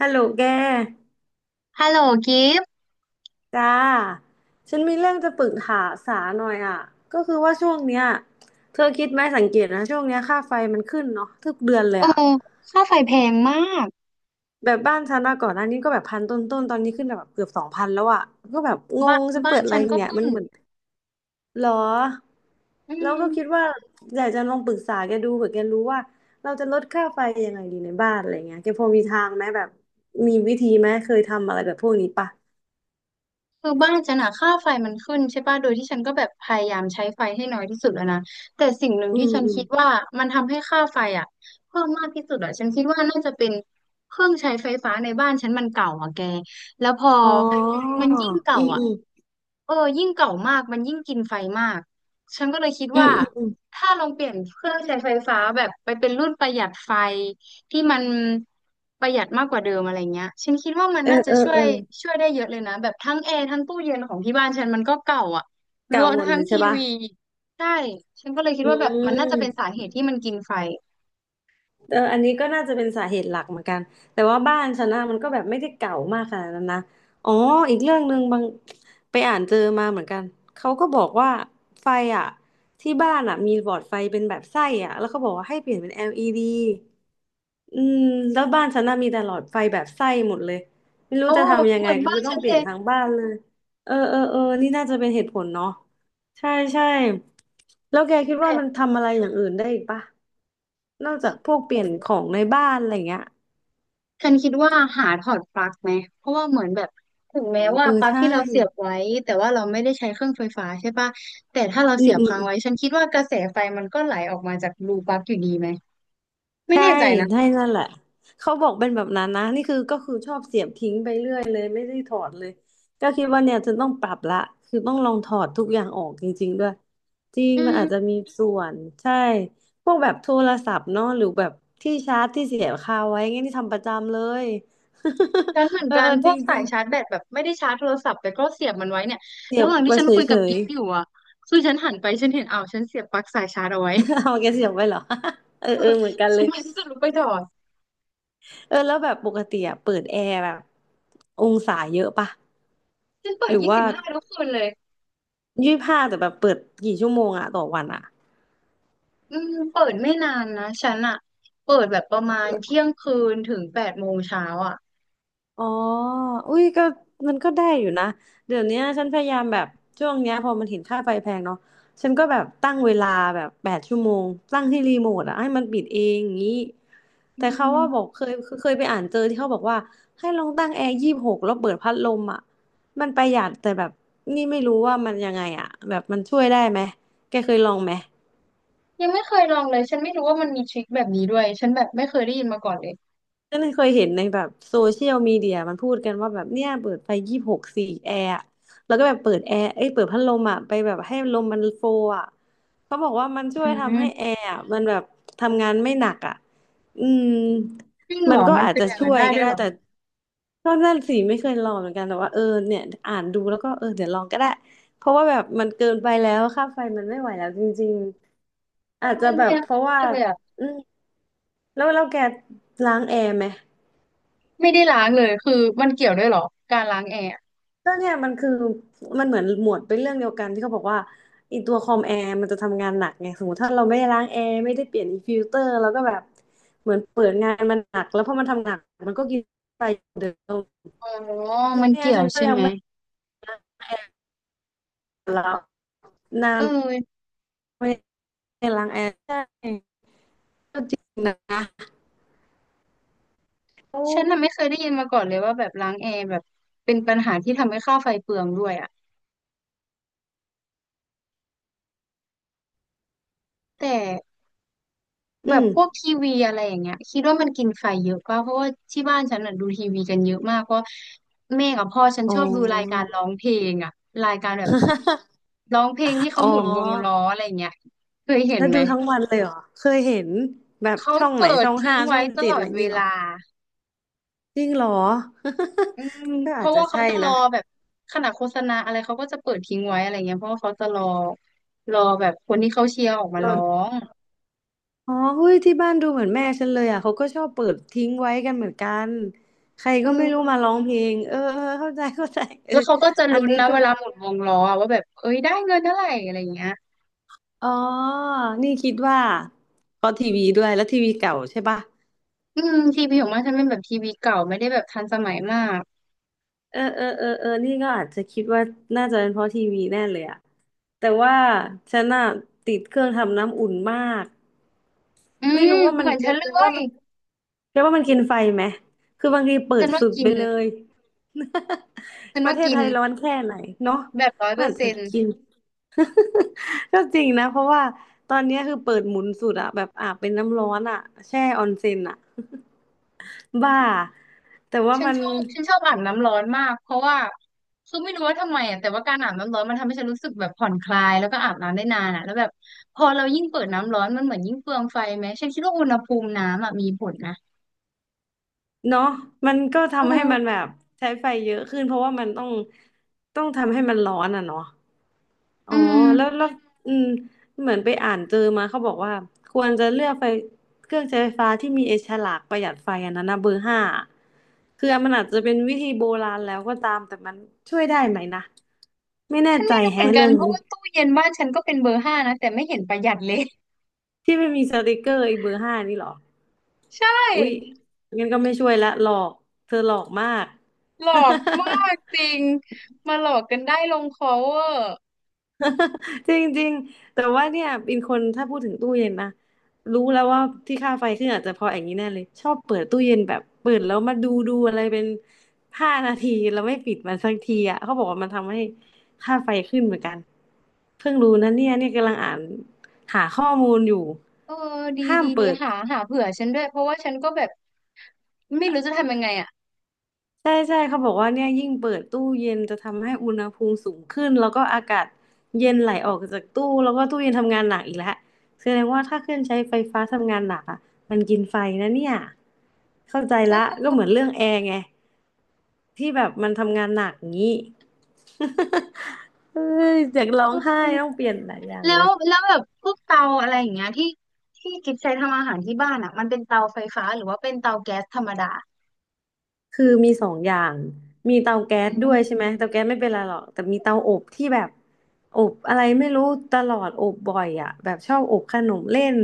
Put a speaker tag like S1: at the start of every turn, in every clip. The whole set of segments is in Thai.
S1: ฮัลโหลแก
S2: ฮัลโหลกิฟต์
S1: จ้าฉันมีเรื่องจะปรึกษาสาหน่อยอ่ะก็คือว่าช่วงเนี้ยเธอคิดไหมสังเกตนะช่วงเนี้ยค่าไฟมันขึ้นเนาะทุกเดือนเล
S2: เอ
S1: ย
S2: อ
S1: อ่ะ
S2: ค่าไฟแพงมาก
S1: แบบบ้านฉันอะก่อนหน้านี้ก็แบบพันต้นๆตอนนี้ขึ้นแบบเกือบ2,000แล้วอ่ะก็แบบง
S2: บ้า
S1: ง
S2: น
S1: ฉัน
S2: บ้า
S1: เปิ
S2: น
S1: ดอะไร
S2: ฉันก็
S1: เนี่ย
S2: ขึ้
S1: มั
S2: น
S1: นเหมือนหรอ
S2: อื
S1: แล้วก็
S2: ม
S1: คิดว่าอยากจะลองปรึกษาแกดูเผื่อแกรู้ว่าเราจะลดค่าไฟยังไงดีในบ้านอะไรเงี้ยแกพอมีทางไหมแบบมีวิธีไหมเคยทำอะไรแบบพวกนี้ปะ
S2: คือบ้านฉันอะค่าไฟมันขึ้นใช่ป่ะโดยที่ฉันก็แบบพยายามใช้ไฟให้น้อยที่สุดแล้วนะแต่สิ่งหนึ่ง
S1: อื
S2: ที่ฉันคิด
S1: ม
S2: ว่ามันทำให้ค่าไฟอะเพิ่มมากที่สุดอะฉันคิดว่าน่าจะเป็นเครื่องใช้ไฟฟ้าในบ้านฉันมันเก่าอะแกแล้วพอ
S1: อ๋อ
S2: มันยิ่งเก่า
S1: อืม
S2: อะ
S1: อืม
S2: เออยิ่งเก่ามากมันยิ่งกินไฟมากฉันก็เลยคิด
S1: อืม
S2: ว่า
S1: อืมอืม
S2: ถ้าลองเปลี่ยนเครื่องใช้ไฟฟ้าแบบไปเป็นรุ่นประหยัดไฟ ที่มันประหยัดมากกว่าเดิมอะไรเงี้ยฉันคิดว่ามัน
S1: เออ
S2: น่าจะ
S1: เออ
S2: ช่ว
S1: เอ
S2: ย
S1: อ
S2: ช่วยได้เยอะเลยนะแบบทั้งแอร์ทั้งตู้เย็นของที่บ้านฉันมันก็เก่าอ่ะร
S1: เก่า
S2: วม
S1: หมด
S2: ทั้
S1: เล
S2: ง
S1: ยใช่
S2: ที
S1: ปะ
S2: วีใช่ฉันก็เลยคิด
S1: อื
S2: ว่าแบบมันน่าจะเป็นสา
S1: ม
S2: เหตุที่มันกินไฟ
S1: เอออันนี้ก็น่าจะเป็นสาเหตุหลักเหมือนกันแต่ว่าบ้านฉันนะมันก็แบบไม่ได้เก่ามากขนาดนั้นนะอ๋ออีกเรื่องหนึ่งบางไปอ่านเจอมาเหมือนกันเขาก็บอกว่าไฟอ่ะที่บ้านอ่ะมีหลอดไฟเป็นแบบไส้อ่ะแล้วเขาบอกว่าให้เปลี่ยนเป็น LED อืมแล้วบ้านฉันน่ะมีแต่หลอดไฟแบบไส้หมดเลยไม่รู้
S2: โอ้
S1: จะทำยัง
S2: เห
S1: ไง
S2: มือนบ้าน
S1: ก็ต้อ
S2: ฉั
S1: ง
S2: น
S1: เป
S2: เล
S1: ลี่ยน
S2: ย
S1: ทั้งบ้านเลยเออเออเออนี่น่าจะเป็นเหตุผลเนาะใช่ใช่แล้วแกคิดว่า
S2: แต่
S1: มันทำอะไรอย่างอื่นได้อีกปะนอกจากพวกเปลี่ยนของในบ้านอะไรเงี้ย
S2: ฉันคิดว่าหาถอดปลั๊กไหมเพราะว่าเหมือนแบบถึง
S1: อ๋
S2: แม้
S1: อ
S2: ว่า
S1: เออ
S2: ปลั๊ก
S1: ใช่
S2: ที่เราเสียบไว้แต่ว่าเราไม่ได้ใช้เครื่องไฟฟ้าใช่ปะแต่ถ้าเรา
S1: อื
S2: เสี
S1: ม
S2: ยบ
S1: อืม
S2: ค้างไว้ฉันคิดว่ากระแสไฟมันก็ไหลออกมาจากรูปลั๊กอยู่ดีไหมไม่
S1: ใช่
S2: แน่ใจนะ
S1: ใช่นั่นแหละเขาบอกเป็นแบบนั้นนะนี่คือก็คือชอบเสียบทิ้งไปเรื่อยเลยไม่ได้ถอดเลยก็คิดว่าเนี่ยจะต้องปรับละคือต้องลองถอดทุกอย่างออกจริงๆด้วยจริง
S2: อื
S1: มัน
S2: ม
S1: อาจจะมีส่วนใช่พวกแบบโทรศัพท์เนาะหรือแบบที่ชาร์จที่เสียบคาไว้เงี้ยนี่ทำประจำเลย
S2: ฉันเหมือ น
S1: เออ
S2: กั
S1: เอ
S2: น
S1: อ
S2: พ
S1: จร
S2: วกสา
S1: ิ
S2: ย
S1: ง
S2: ชาร์จแบตแบบไม่ได้ชาร์จโทรศัพท์แต่ก็เสียบมันไว้เนี่ย
S1: ๆเสีย
S2: ระ
S1: บ
S2: หว่าง
S1: ไป
S2: ที่ฉันคุย
S1: เฉ
S2: กับ
S1: ย
S2: กิฟอยู่อ่ะคือฉันหันไปฉันเห็นอ้าวฉันเสียบปลั๊กสายชาร์จเอาไว้
S1: ๆ เอาแกเสียบไว้เหรอ เออเออเหมือนกัน
S2: ฉั
S1: เล
S2: น
S1: ย
S2: ไม่รู้จะลุกไปถอด
S1: เออแล้วแบบปกติอะเปิดแอร์แบบองศาเยอะปะ
S2: ฉันเปิ
S1: ห
S2: ด
S1: รือ
S2: ยี่
S1: ว่า
S2: สิบห้าทุกคืนเลย
S1: 25แต่แบบเปิดกี่ชั่วโมงอะต่อวันอะ
S2: อืมเปิดไม่นานนะฉันอ่ะเปิดแบบประมาณเที่ยงคืนถึง8 โมงเช้าอ่ะ
S1: อ๋ออุ้ยก็มันก็ได้อยู่นะเดี๋ยวเนี้ยฉันพยายามแบบช่วงเนี้ยพอมันเห็นค่าไฟแพงเนาะฉันก็แบบตั้งเวลาแบบ8 ชั่วโมงตั้งที่รีโมทอะให้มันปิดเองอย่างนี้
S2: อื
S1: แต่เขา
S2: ม
S1: ว่าบอกเคยไปอ่านเจอที่เขาบอกว่าให้ลองตั้งแอร์ยี่สิบหกแล้วเปิดพัดลมอะมันประหยัดแต่แบบนี่ไม่รู้ว่ามันยังไงอะแบบมันช่วยได้ไหมแกเคยลองไหม
S2: ยังไม่เคยลองเลยฉันไม่รู้ว่ามันมีทริคแบบนี้ด้วยฉันแบบไม่เคยได้ยินมาก่อนเลย
S1: ก็เลยเคยเห็นในแบบโซเชียลมีเดียมันพูดกันว่าแบบเนี่ยเปิดไฟยี่สิบหกสี่แอร์อะแล้วก็แบบเปิดแอร์เอ้ยเปิดพัดลมอ่ะไปแบบให้ลมมันโฟอ่ะเขาบอกว่ามันช่
S2: อื
S1: วยทำให้แอ
S2: ม
S1: ร์อะมันแบบทำงานไม่หนักอ่ะอืม
S2: จริงเห
S1: มั
S2: ร
S1: น
S2: อ
S1: ก็
S2: มัน
S1: อาจ
S2: เป็น
S1: จะ
S2: อย่าง
S1: ช่
S2: นั้น
S1: วย
S2: ได้
S1: ก็
S2: ด้วย
S1: ได้
S2: เหรอ
S1: แต่ก็นั่นสิไม่เคยลองเหมือนกันแต่ว่าเออเนี่ยอ่านดูแล้วก็เออเดี๋ยวลองก็ได้เพราะว่าแบบมันเกินไปแล้วค่าไฟมันไม่ไหวแล้วจริงๆ
S2: เออ
S1: อาจจะ
S2: มันพ
S1: แบ
S2: ยา
S1: บ
S2: ยาม
S1: เพราะว่า
S2: มากเลยอ่ะ
S1: อืมแล้วแก ล้างแอร์ไหม
S2: ไม่ได้ล้างเลยคือมันเกี่ยวด้วยเหรอการล้างแอร์
S1: ก็เนี่ยมันคือมันเหมือนหมวดเป็นเรื่องเดียวกันที่เขาบอกว่าไอีตัวคอมแอร์มันจะทำงานหนักไงสมมติถ้าเราไม่ได้ล้างแอร์ไม่ได้เปลี่ยนอีฟิลเตอร์เราก็แบบเหมือนเปิดงานมันหนักแล้วพอมันทำงานหนักมันก็กินไปเดิม
S2: อ๋อมัน
S1: เนี่ย
S2: เกี่ย
S1: ฉั
S2: ว
S1: นก็
S2: ใช่
S1: ยัง
S2: ไหม
S1: ไม่ล้างแอร์แล้วนา
S2: เอ
S1: น
S2: อ
S1: ไม่ได้ล้างแอร์ใช่ก็จริงนะโอ้
S2: ฉันน่ะไม่เคยได้ยินมาก่อนเลยว่าแบบล้างแอร์แบบเป็นปัญหาที่ทำให้ค่าไฟเปลืองด้วยอะแต่
S1: อื
S2: แบบ
S1: ม
S2: พวกทีวีอะไรอย่างเงี้ยคิดว่ามันกินไฟเยอะป่ะเพราะว่าที่บ้านฉันน่ะดูทีวีกันเยอะมากเพราะแม่กับพ่อฉัน
S1: อ๋อ
S2: ชอบดูรายการร้องเพลงอะรายการแบบร้องเพลงที่
S1: อ๋
S2: เขาหมุนวง
S1: อ
S2: ล้ออะไรเงี้ยเคยเห็น
S1: แล้ว
S2: ไหม
S1: ดูทั้งวันเลยเหรอเคยเห็นแบบ
S2: เขา
S1: ช่องไหน
S2: เปิด
S1: ช่อง
S2: ทิ้
S1: ห้า
S2: ง
S1: ช่
S2: ไว้
S1: อง
S2: ต
S1: เจ็
S2: ล
S1: ด
S2: อ
S1: อะไร
S2: ด
S1: อย่าง
S2: เว
S1: งี้เหรอ
S2: ลา
S1: จริงเหรอ
S2: อืม
S1: ก็
S2: เพ
S1: อาจ
S2: ราะ
S1: จะ
S2: ว่าเขา
S1: ใช่
S2: จะรอ
S1: นะ
S2: แบบขนาดโฆษณาอะไรเขาก็จะเปิดทิ้งไว้อะไรเงี้ยเพราะว่าเขาจะรอแบบคนที่เขาเชียร์ออกมา
S1: โด
S2: ร้อ
S1: น
S2: ง
S1: อ๋อเฮ้ยที่บ้านดูเหมือนแม่ฉันเลยอ่ะ เขาก็ชอบเปิดทิ้งไว้กันเหมือนกันใคร
S2: เอ
S1: ก็ไม่รู้มา
S2: อ
S1: ร้องเพลงเออเออเข้าใจ เข้าใจเออ
S2: แล้วเขาก็จะ
S1: อัน
S2: ลุ้น
S1: นี้
S2: นะ
S1: ก็
S2: เวลาหมุนวงล้ออะว่าแบบเอ้ยได้เงินเท่าไหร่อะไรเงี้ย
S1: อ๋อนี่คิดว่าเพราะทีวีด้วยแล้วทีวีเก่าใช่ปะ
S2: อืมทีวีของมันฉันเป็นแบบทีวีเก่าไม่ได้แบบทันสมัยมาก
S1: เออเออเออเออนี่ก็อาจจะคิดว่าน่าจะเป็นเพราะทีวีแน่เลยอ่ะ แต่ว่าฉันน่ะติดเครื่องทำน้ำอุ่นมาก
S2: อื
S1: ไม่
S2: ม
S1: รู้ว่ามั
S2: เห
S1: น
S2: มือน
S1: เรี
S2: ฉั
S1: ย
S2: นเล
S1: ก็ตว่า
S2: ย
S1: มัน แค่ว่ามันกินไฟไหม คือบางทีเปิ
S2: ฉั
S1: ด
S2: นว่า
S1: สุด
S2: กิ
S1: ไป
S2: น
S1: เลย
S2: ฉั น
S1: ประ
S2: ว่า
S1: เทศ
S2: กิ
S1: ไท
S2: น
S1: ยร้อนแค่ไหนเนาะ
S2: แบบร้อย
S1: มั
S2: เป
S1: น
S2: อ
S1: อา
S2: ร์
S1: จ
S2: เซ็
S1: จะ
S2: นต์
S1: กิน ก็จริงนะเพราะว่าตอนเนี้ยคือเปิดหมุนสุดอะแบบอาบเป็นน้ำร้อนอะแช่ออนเซ็นอะบ้าแต่ว่า
S2: ฉัน
S1: มัน
S2: ชอบฉันชอบอาบน้ำร้อนมากเพราะว่าคือไม่รู้ว่าทำไมอ่ะแต่ว่าการอาบน้ำร้อนมันทำให้ฉันรู้สึกแบบผ่อนคลายแล้วก็อาบน้ำได้นานอ่ะแล้วแบบพอเรายิ่งเปิดน้ำร้อนมันเหมือนยิ่งเฟืองไฟไหมฉันคิดว่าอุณหภูมิน้ำอ่ะมีผลนะ
S1: เนาะมันก็
S2: เอ
S1: ทำให้
S2: อ
S1: มันแบบใช้ไฟเยอะขึ้นเพราะว่ามันต้องทำให้มันร้อนอะเนาะ
S2: อื
S1: อ๋อแล้ว
S2: ม
S1: แล้วอืมเหมือนไปอ่านเจอมาเขาบอกว่าควรจะเลือกไฟเครื่องใช้ไฟฟ้าที่มีไอ้ฉลากประหยัดไฟอันนั้นนะเบอร์ห้าคือมันอาจจะเป็นวิธีโบราณแล้วก็ตามแต่มันช่วยได้ไหมนะไม่แน่
S2: ฉัน
S1: ใจ
S2: ไม่รู้เห
S1: แฮะ
S2: มือนกั
S1: เรื่
S2: น
S1: อง
S2: เพ
S1: นี้
S2: ราะว่าตู้เย็นบ้านฉันก็เป็นเบอร์ 5นะแต่ไม่เห็นประหยัดเลย
S1: ที่ไม่มีสติกเกอร์ไอ้เบอร์ห้านี่เหรอ
S2: ใช
S1: อุ๊ย
S2: ่
S1: งั้นก็ไม่ช่วยละหลอกเธอหลอกมาก
S2: หลอกมาก จริงมาหลอกกันได้ลงคอเวอร์
S1: จริงๆแต่ว่าเนี่ยเป็นคนถ้าพูดถึงตู้เย็นนะรู้แล้วว่าที่ค่าไฟขึ้นอาจจะเพราะอย่างนี้แน่เลยชอบเปิดตู้เย็นแบบเปิดแล้วมาดูอะไรเป็น5 นาทีแล้วไม่ปิดมันสักทีอ่ะเขาบอกว่ามันทำให้ค่าไฟขึ้นเหมือนกันเพิ่งรู้นะเนี่ยกำลังอ่านหาข้อมูลอยู่
S2: เออดี
S1: ห้า
S2: ดี
S1: ม
S2: ดี
S1: เปิด
S2: หาเผื่อฉันด้วยเพราะว่าฉันก็แบบไม่รู้จะทำยังไงอ่ะ
S1: ใช่ใช่เขาบอกว่าเนี่ยยิ่งเปิดตู้เย็นจะทำให้อุณหภูมิสูงขึ้นแล้วก็อากาศเย็นไหลออกจากตู้แล้วก็ตู้เย็นทำงานหนักอีกแล้วแสดงว่าถ้าเครื่องใช้ไฟฟ้าทำงานหนักอ่ะมันกินไฟนะเนี่ยเข้าใจ
S2: เอ
S1: ละก็เหมือ
S2: อ
S1: นเรื่องแอร์ไงที่แบบมันทำงานหนักงี้ เอ้ยอยากร้อ
S2: อื
S1: งไห้
S2: ม
S1: ต้องเปลี่ยนหลายอย่าง
S2: แล้
S1: เล
S2: ว
S1: ย
S2: แล้วแบบพวกเตาอะไรอย่างเงี้ยที่ที่กิฟใช้ทำอาหารที่บ้านอ่ะมันเป็นเตาไฟฟ้าหรือว่าเป็นเตาแก๊สธรรมดา
S1: คือมี2 อย่างมีเตาแก๊
S2: อื
S1: สด้วยใช่ไหม
S2: ม
S1: เตาแก๊สไม่เป็นไรหรอกแต่มีเตาอบที่แบบอบอะไรไม่รู้ตลอดอบบ่อยอ่ะแบบชอบอบขนมเล่น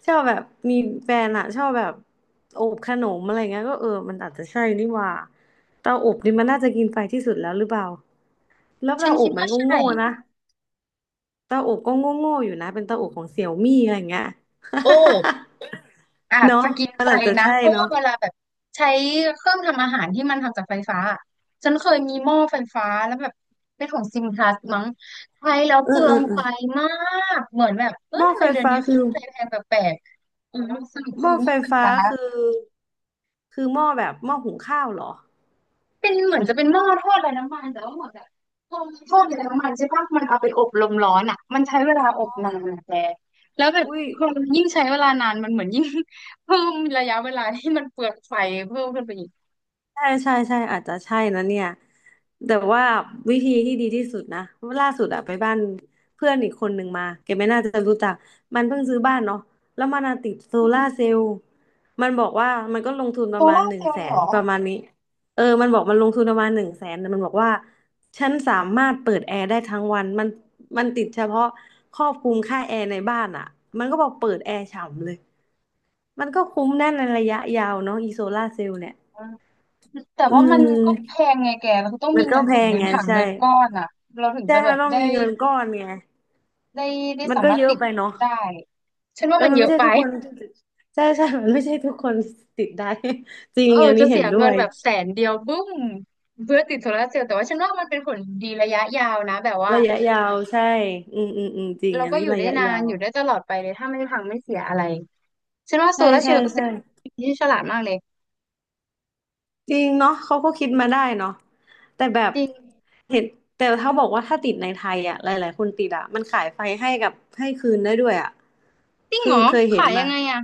S1: ชอบแบบมีแฟนอ่ะชอบแบบอบขนมอะไรเงี้ยก็เออมันอาจจะใช่นี่หว่าเตาอบนี่มันน่าจะกินไฟที่สุดแล้วหรือเปล่าแล้ว
S2: ฉัน
S1: เตาอ
S2: คิ
S1: บ
S2: ด
S1: มั
S2: ว่า
S1: นก็
S2: ใช่
S1: โง่นะเตาอบก็โง่โง่อยู่นะเป็นเตาอบของเสี่ยวมี่อะไรเงี้ย
S2: โอ้อาจ
S1: เนาะ
S2: จะกิน
S1: มัน
S2: ไฟ
S1: อาจจะ
S2: นะ
S1: ใช่
S2: เพราะ
S1: เนาะ
S2: ว่าเวลาแบบใช้เครื่องทำอาหารที่มันทำจากไฟฟ้าอะฉันเคยมีหม้อไฟฟ้าแล้วแบบเป็นของซิมพลัสมั้งใช้แล้ว
S1: เอ
S2: เปลื
S1: อ
S2: อ
S1: เอ
S2: ง
S1: อเอ
S2: ไฟ
S1: อ
S2: มากเหมือนแบบเอ้
S1: ห
S2: ย
S1: ม้อ
S2: ทำ
S1: ไฟ
S2: ไมเดือน
S1: ฟ้า
S2: นี้
S1: คือ
S2: ค่าไฟแพงแปลกๆอืมสรุป
S1: ห
S2: คื
S1: ม้อ
S2: อห
S1: ไฟ
S2: ม้อไฟ
S1: ฟ้า
S2: ฟ้า
S1: คือคือหม้อแบบหม้อหุงข้าวเหรอ
S2: เป็นเหมือนจะเป็นหม้อทอดไร้น้ำมันแต่ว่าเหมือนแบบพอมันทอดไร้น้ำมันใช่ปะมันเอาไปอบลมร้อนอ่ะมันใช้เวลาอบนานอะแต่แล้วแบบ
S1: อุ้ย
S2: พอมันยิ่งใช้เวลานานมันเหมือนยิ่ง เพิ่มระยะเวลาที่มันเปลืองไฟเพิ่มขึ้นไปอีก
S1: ใช่ใช่ใช่อาจจะใช่นะเนี่ยแต่ว่าวิธีที่ดีที่สุดนะล่าสุดอะไปบ้านเพื่อนอีกคนหนึ่งมาแกไม่น่าจะรู้จักมันเพิ่งซื้อบ้านเนาะแล้วมันอะติดโซ
S2: อื
S1: ลา
S2: ม
S1: ร์เซลล์มันบอกว่ามันก็ลงทุนป
S2: โซ
S1: ระมาณ
S2: ล่า
S1: ห
S2: ร์
S1: นึ่
S2: เซ
S1: ง
S2: ลล์
S1: แส
S2: เลยเหร
S1: น
S2: อ
S1: ประมาณนี้เออมันบอกมันลงทุนประมาณหนึ่งแสนแต่มันบอกว่าฉันสามารถเปิดแอร์ได้ทั้งวันมันมันติดเฉพาะครอบคลุมค่าแอร์ในบ้านอะมันก็บอกเปิดแอร์ฉ่ำเลยมันก็คุ้มแน่ในระยะยาวเนาะอีโซลาร์เซลล์เนี่ย
S2: อืมแต่
S1: อื
S2: ว่ามันก็แพ
S1: ม
S2: งไงแกเราต้อง
S1: มั
S2: มี
S1: น
S2: เงิ
S1: ก็
S2: น
S1: แพ
S2: ถุง
S1: ง
S2: เงิน
S1: ไง
S2: ถัง
S1: ใช่
S2: เงินก้อนอ่ะเราถึงจะ
S1: ใช่
S2: แบ
S1: มัน
S2: บ
S1: ต้อง
S2: ได้
S1: มีเงินก้อนไง
S2: ได้ได้
S1: มัน
S2: สา
S1: ก็
S2: มารถ
S1: เยอะ
S2: ติด
S1: ไปเนาะ
S2: ได้ฉัน
S1: เอ
S2: ว่า
S1: อ
S2: มัน
S1: มัน
S2: เย
S1: ไม่
S2: อะ
S1: ใช่
S2: ไป
S1: ทุกคนใช่ใช่มันไม่ใช่ทุกคนติดได้ จริ
S2: เอ
S1: ง
S2: อ
S1: อัน
S2: จะ
S1: นี้เห็
S2: เสี
S1: น
S2: ย
S1: ด้
S2: เงิ
S1: ว
S2: น
S1: ย
S2: แบบแสนเดียวบึ้มเพื่อติดโซลาร์เซลล์แต่ว่าฉันว่ามันเป็นผลดีระยะยาวนะแบบว่า
S1: ระยะยาวใช่อืมจริง
S2: เรา
S1: อัน
S2: ก็
S1: นี้
S2: อยู่
S1: ระ
S2: ได้
S1: ยะ
S2: นา
S1: ยา
S2: น
S1: ว
S2: อยู่ได้ตลอดไปเลยถ้าไม่พังไม่เสียอะไรฉันว่าโซ
S1: ใช่
S2: ลาร์เซล
S1: ใช่
S2: ล์เป็น
S1: ใช่
S2: ที่ฉลาดมากเลย
S1: จริงเนาะเขาก็คิดมาได้เนาะแต่แบบ
S2: จริง
S1: เห็นแต่เขาบอกว่าถ้าติดในไทยอ่ะหลายๆคนติดอ่ะมันขายไฟให้กับให้คืนได้ด้วยอ่ะ
S2: จริง
S1: คื
S2: เหร
S1: อ
S2: อ
S1: เคยเห็น
S2: ขายยั
S1: มา
S2: งไงอ่ะ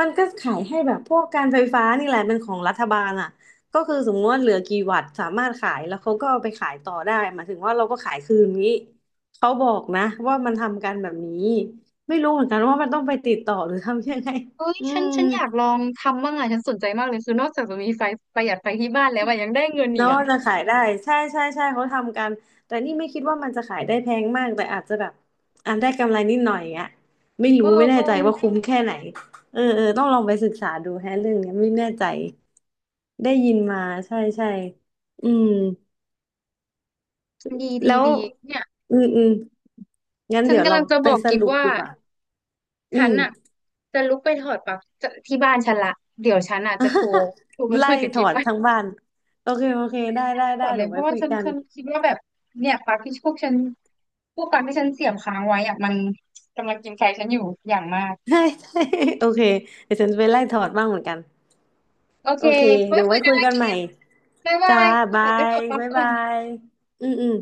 S1: มันก็ขายให้แบบพวกการไฟฟ้านี่แหละเป็นของรัฐบาลอ่ะก็คือสมมติว่าเหลือกี่วัตต์สามารถขายแล้วเขาก็เอาไปขายต่อได้หมายถึงว่าเราก็ขายคืนนี้เขาบอกนะว่ามันทำกันแบบนี้ไม่รู้เหมือนกันว่ามันต้องไปติดต่อหรือทำยังไง
S2: เอ้ย
S1: อื
S2: ฉัน
S1: ม
S2: ฉันอยากลองทำบ้างอ่ะฉันสนใจมากเลยคือนอกจากจะมีไฟประหยัดไฟที่บ้านแล้วอะยังได้เงินอีก
S1: เนาะ
S2: อ่ะ
S1: จะขายได้ใช่ใช่ใช่เขาทำกันแต่นี่ไม่คิดว่ามันจะขายได้แพงมากแต่อาจจะแบบอ่นได้กำไรนิดหน่อยอ่ะไม่
S2: เอ
S1: รู้
S2: อ
S1: ไม่แน่
S2: เออ
S1: ใจว่าคุ้มแค่ไหนเออเออต้องลองไปศึกษาดูแฮะเรื่องเนี้ยไม่แน่ใจได้ยินมาใช่ใช่อืม
S2: ดีดี
S1: แล้ว
S2: ดีเนี่ย
S1: อืมงั้น
S2: ฉัน
S1: เดี๋ยว
S2: กำ
S1: เรา
S2: ลังจะ
S1: ไป
S2: บอก
S1: ส
S2: กิฟ
S1: รุป
S2: ว่า
S1: ดีกว่าอื
S2: ฉัน
S1: ม
S2: อ่ะจะลุกไปถอดปลั๊กจะที่บ้านฉันละเดี๋ยวฉันอ่ะจะโทรไป
S1: ไล่
S2: คุยกับ
S1: ถอ
S2: กิ๊ฟ
S1: น
S2: ไม่
S1: ทั้งบ้านโอเคได้ได้
S2: ถ
S1: ได้
S2: อดเล
S1: เดี๋ย
S2: ย
S1: ว
S2: เพ
S1: ไว้
S2: ราะว่า
S1: คุย
S2: ฉัน
S1: กัน
S2: ฉันคิด ว่าแบบเนี่ยปลั๊กที่พวกปลั๊กที่ฉันเสียบค้างไว้อ่ะมันกำลังกินไฟฉันอยู่อย่างมาก
S1: ใช่ใช่โอเคเดี๋ยวฉันจะไปไล่ถอดบ้างเหมือนกัน
S2: โอ
S1: โอ
S2: เค
S1: เค
S2: ไว้
S1: เดี๋ยว
S2: คุ
S1: ไว้
S2: ยกั
S1: คุ
S2: น
S1: ย
S2: นะ
S1: กันใหม่
S2: กิ๊ฟบ๊ายบา
S1: จ้า
S2: ยข
S1: บา
S2: อไปถ
S1: ย
S2: อดปลั๊ก
S1: บ๊าย
S2: ก่อ
S1: บา
S2: น
S1: ยอืมอืม